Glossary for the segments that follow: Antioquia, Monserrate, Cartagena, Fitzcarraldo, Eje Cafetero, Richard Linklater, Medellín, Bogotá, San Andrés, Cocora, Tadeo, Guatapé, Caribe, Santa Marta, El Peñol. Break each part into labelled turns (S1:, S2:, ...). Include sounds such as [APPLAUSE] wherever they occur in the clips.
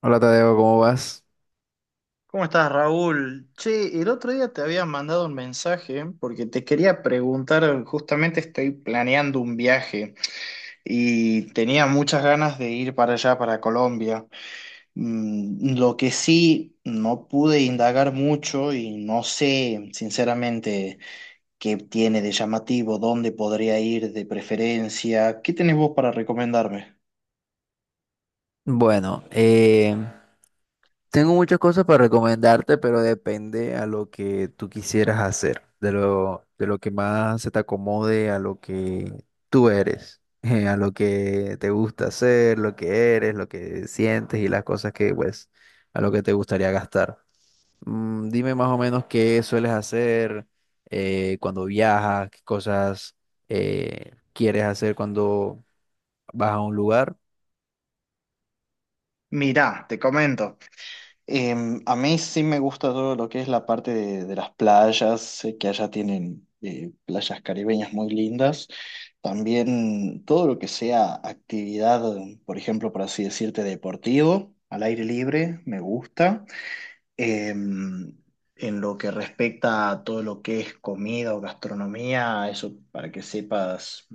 S1: Hola Tadeo, ¿cómo vas?
S2: ¿Cómo estás, Raúl? Che, el otro día te había mandado un mensaje porque te quería preguntar, justamente estoy planeando un viaje y tenía muchas ganas de ir para allá, para Colombia. Mm, lo que sí, no pude indagar mucho y no sé, sinceramente, qué tiene de llamativo, dónde podría ir de preferencia. ¿Qué tenés vos para recomendarme?
S1: Bueno, tengo muchas cosas para recomendarte, pero depende a lo que tú quisieras hacer, de lo que más se te acomode a lo que tú eres, [LAUGHS] a lo que te gusta hacer, lo que eres, lo que sientes y las cosas que, pues, a lo que te gustaría gastar. Mm, dime más o menos qué sueles hacer cuando viajas, qué cosas quieres hacer cuando vas a un lugar.
S2: Mirá, te comento. A mí sí me gusta todo lo que es la parte de las playas, sé que allá tienen playas caribeñas muy lindas. También todo lo que sea actividad, por ejemplo, por así decirte, deportivo, al aire libre, me gusta. Em, en lo que respecta a todo lo que es comida o gastronomía, eso para que sepas,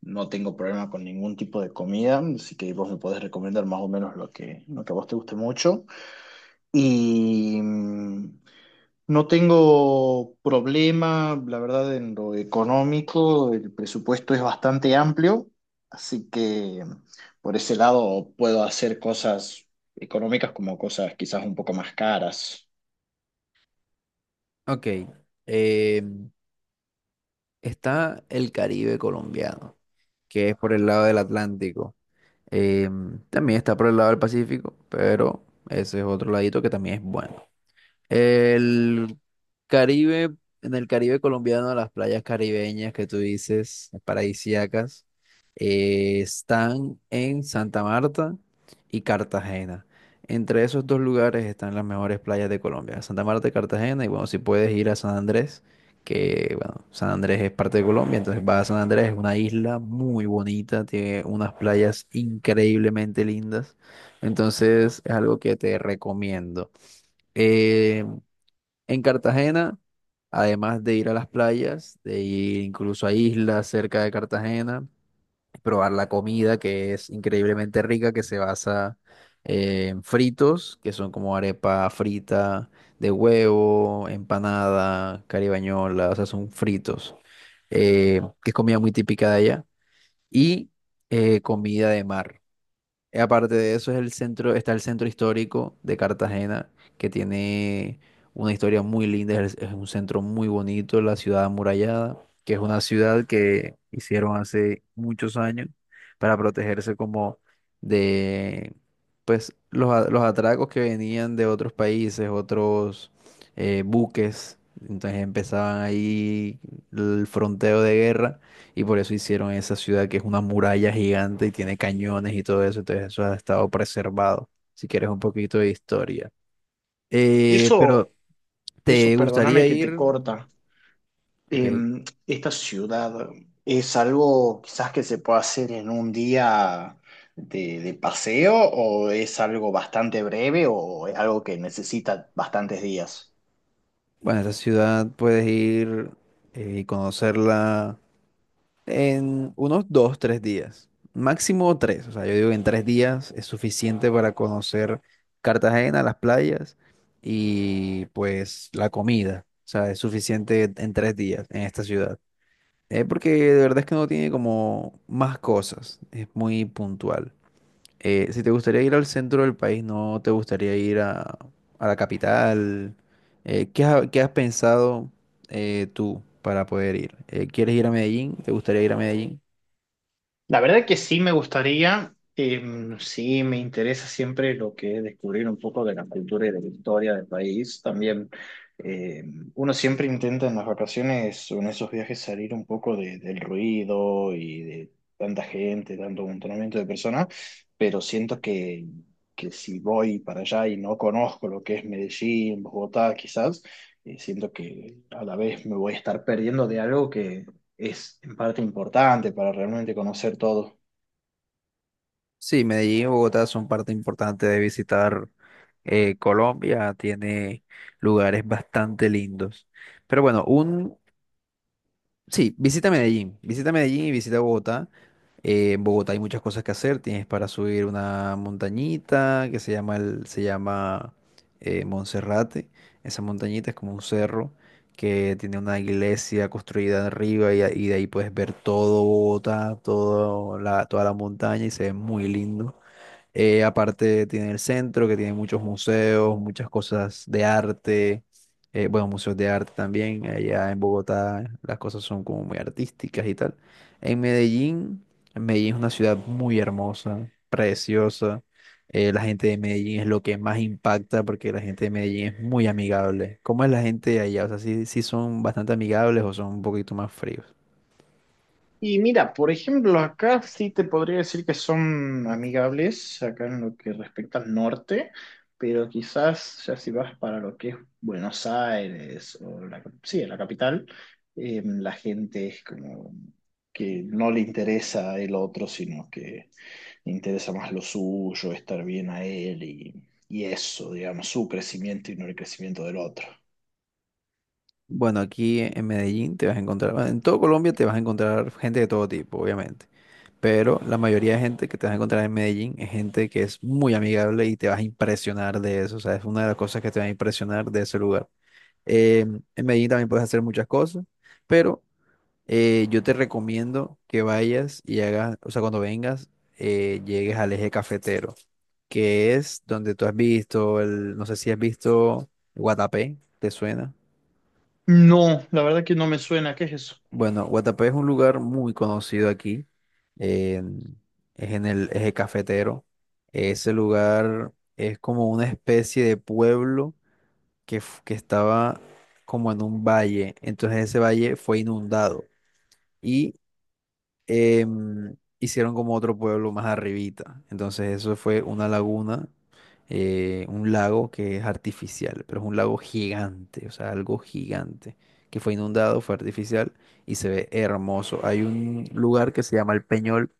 S2: no tengo problema con ningún tipo de comida, así que vos me podés recomendar más o menos lo lo que a vos te guste mucho. Y no tengo problema, la verdad, en lo económico, el presupuesto es bastante amplio, así que por ese lado puedo hacer cosas económicas como cosas quizás un poco más caras.
S1: Ok, eh, está el Caribe colombiano, que es por el lado del Atlántico. Eh, también está por el lado del Pacífico, pero ese es otro ladito que también es bueno. El Caribe, en el Caribe colombiano, las playas caribeñas que tú dices, paradisíacas, están en Santa Marta y Cartagena. Entre esos dos lugares están las mejores playas de Colombia, Santa Marta y Cartagena. Y bueno, si puedes ir a San Andrés, que bueno, San Andrés es parte de Colombia, entonces vas a San Andrés, es una isla muy bonita, tiene unas playas increíblemente lindas. Entonces es algo que te recomiendo. Eh, en Cartagena, además de ir a las playas, de ir incluso a islas cerca de Cartagena, probar la comida que es increíblemente rica, que se basa en fritos, que son como arepa frita de huevo, empanada, caribañola, o sea, son fritos, que es comida muy típica de allá, y comida de mar. Aparte de eso, es el centro, está el centro histórico de Cartagena, que tiene una historia muy linda, es un centro muy bonito, la ciudad amurallada, que es una ciudad que hicieron hace muchos años para protegerse como de pues los atracos que venían de otros países, otros buques. Entonces empezaban ahí el fronteo de guerra y por eso hicieron esa ciudad que es una muralla gigante y tiene cañones y todo eso. Entonces eso ha estado preservado, si quieres un poquito de historia. Pero
S2: Eso, eso,
S1: ¿te
S2: perdóname
S1: gustaría
S2: que te
S1: ir?
S2: corta.
S1: Ok.
S2: ¿Esta ciudad es algo quizás que se pueda hacer en un día de paseo, o es algo bastante breve, o es algo que necesita bastantes días?
S1: Bueno, esa ciudad puedes ir y conocerla en unos 2, 3 días. Máximo 3. O sea, yo digo que en 3 días es suficiente para conocer Cartagena, las playas y pues la comida. O sea, es suficiente en 3 días en esta ciudad. Porque de verdad es que no tiene como más cosas, es muy puntual. Si te gustaría ir al centro del país, ¿no te gustaría ir a la capital? ¿Qué has pensado tú para poder ir? ¿Quieres ir a Medellín? ¿Te gustaría ir a Medellín?
S2: La verdad que sí me gustaría, sí me interesa siempre lo que es descubrir un poco de la cultura y de la historia del país. También uno siempre intenta en las vacaciones o en esos viajes salir un poco de- del ruido y de tanta gente, tanto amontonamiento de personas, pero siento que si voy para allá y no conozco lo que es Medellín, Bogotá, quizás, siento que a la vez me voy a estar perdiendo de algo es en parte importante para realmente conocer todo.
S1: Sí, Medellín y Bogotá son parte importante de visitar Colombia, tiene lugares bastante lindos. Pero bueno, un, Sí, visita Medellín y visita Bogotá. En Bogotá hay muchas cosas que hacer. Tienes para subir una montañita que se llama Monserrate. Esa montañita es como un cerro que tiene una iglesia construida arriba y de ahí puedes ver todo Bogotá, toda la montaña y se ve muy lindo. Aparte tiene el centro que tiene muchos museos, muchas cosas de arte, bueno, museos de arte también, allá en Bogotá las cosas son como muy artísticas y tal. En Medellín, Medellín es una ciudad muy hermosa, preciosa, la gente de Medellín es lo que más impacta porque la gente de Medellín es muy amigable. ¿Cómo es la gente de allá? O sea, ¿sí, sí son bastante amigables o son un poquito más fríos?
S2: Y mira, por ejemplo, acá sí te podría decir que son amigables, acá en lo que respecta al norte, pero quizás ya si vas para lo que es Buenos Aires o sí, la capital, la gente es como que no le interesa el otro, sino que le interesa más lo suyo, estar bien a él y eso, digamos, su crecimiento y no el crecimiento del otro.
S1: Bueno, aquí en Medellín te vas a encontrar, bueno, en todo Colombia te vas a encontrar gente de todo tipo, obviamente. Pero la mayoría de gente que te vas a encontrar en Medellín es gente que es muy amigable y te vas a impresionar de eso. O sea, es una de las cosas que te va a impresionar de ese lugar. Eh, en Medellín también puedes hacer muchas cosas, pero yo te recomiendo que vayas y hagas, o sea, cuando vengas, llegues al eje cafetero, que es donde tú has visto, no sé si has visto Guatapé, ¿te suena?
S2: No, la verdad que no me suena. ¿Qué es eso?
S1: Bueno, Guatapé es un lugar muy conocido aquí. en- es en el eje cafetero. Ese lugar es como una especie de pueblo que estaba como en un valle. Entonces ese valle fue inundado y hicieron como otro pueblo más arribita. Entonces eso fue una laguna, un lago que es artificial, pero es un lago gigante, o sea, algo gigante, que fue inundado, fue artificial y se ve hermoso. Hay un lugar que se llama El Peñol,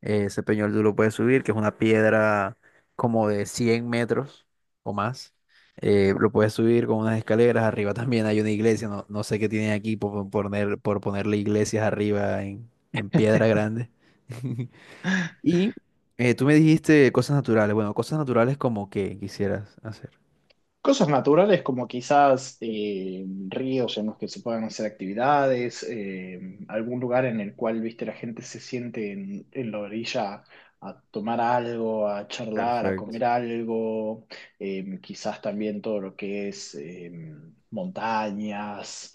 S1: Ese peñol tú lo puedes subir, que es una piedra como de 100 metros o más. Lo puedes subir con unas escaleras. Arriba también hay una iglesia. No sé qué tienen aquí por poner, por ponerle iglesias arriba en piedra
S2: [LAUGHS]
S1: grande. [LAUGHS] Y tú me dijiste cosas naturales. Bueno, cosas naturales como que quisieras hacer.
S2: Cosas naturales como quizás ríos en los que se puedan hacer actividades, algún lugar en el cual, viste, la gente se siente en la orilla a tomar algo, a charlar, a comer
S1: Perfecto.
S2: algo, quizás también todo lo que es montañas,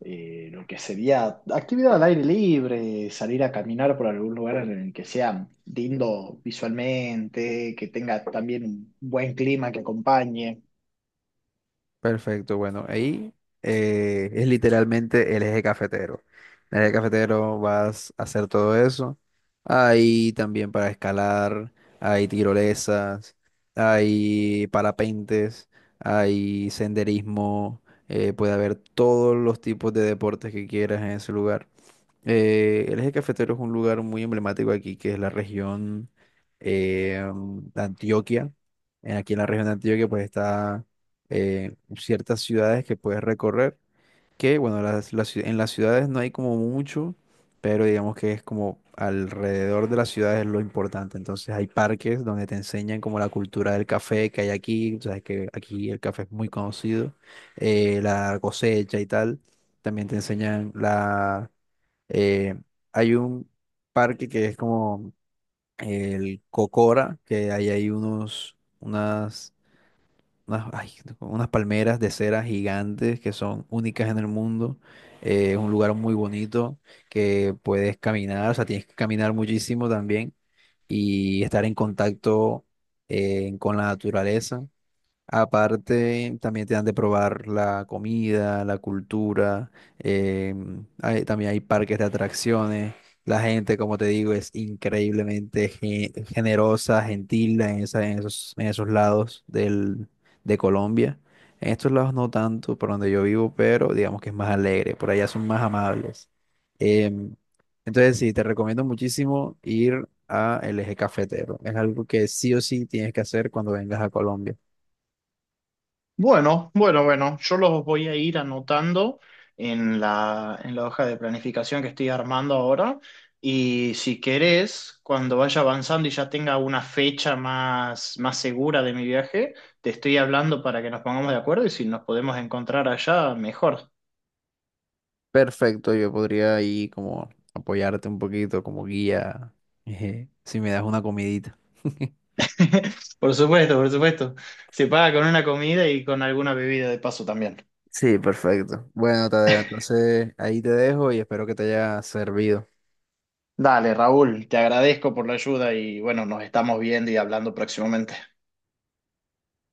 S2: lo que sería actividad al aire libre, salir a caminar por algún lugar en el que sea lindo visualmente, que tenga también un buen clima que acompañe.
S1: Perfecto, bueno, ahí es literalmente el eje cafetero. En el eje cafetero vas a hacer todo eso. Hay también para escalar, hay tirolesas, hay parapentes, hay senderismo, puede haber todos los tipos de deportes que quieras en ese lugar. El eje cafetero es un lugar muy emblemático aquí, que es la región eh, de Antioquia. Aquí en la región de Antioquia, pues está ciertas ciudades que puedes recorrer, que bueno, en las ciudades no hay como mucho, pero digamos que es como alrededor de las ciudades lo importante. Entonces hay parques donde te enseñan como la cultura del café que hay aquí, tú sabes que aquí el café es muy conocido, la cosecha y tal. También te enseñan la eh, hay un parque que es como el Cocora, que ahí hay unos, unas, unas, ay, unas palmeras de cera gigantes que son únicas en el mundo. Es un lugar muy bonito que puedes caminar, o sea, tienes que caminar muchísimo también y estar en contacto con la naturaleza. Aparte, también te dan de probar la comida, la cultura, también hay parques de atracciones. La gente, como te digo, es increíblemente generosa, gentil en en esos lados del, de Colombia. En estos lados no tanto, por donde yo vivo, pero digamos que es más alegre. Por allá son más amables. Em, entonces, sí, te recomiendo muchísimo ir a el Eje Cafetero. Es algo que sí o sí tienes que hacer cuando vengas a Colombia.
S2: Bueno, bueno, bueno, yo los voy a ir anotando en en la hoja de planificación que estoy armando ahora, y si querés, cuando vaya avanzando y ya tenga una fecha más segura de mi viaje, te estoy hablando para que nos pongamos de acuerdo, y si nos podemos encontrar allá, mejor.
S1: Perfecto, yo podría ahí como apoyarte un poquito como guía, eje, si me das una comidita. [LAUGHS]
S2: [LAUGHS] Por supuesto, por supuesto. Se paga con una comida y con alguna bebida de paso también.
S1: Sí, perfecto. Bueno, Tadeo,
S2: [LAUGHS]
S1: entonces ahí te dejo y espero que te haya servido.
S2: Dale, Raúl, te agradezco por la ayuda y bueno, nos estamos viendo y hablando próximamente.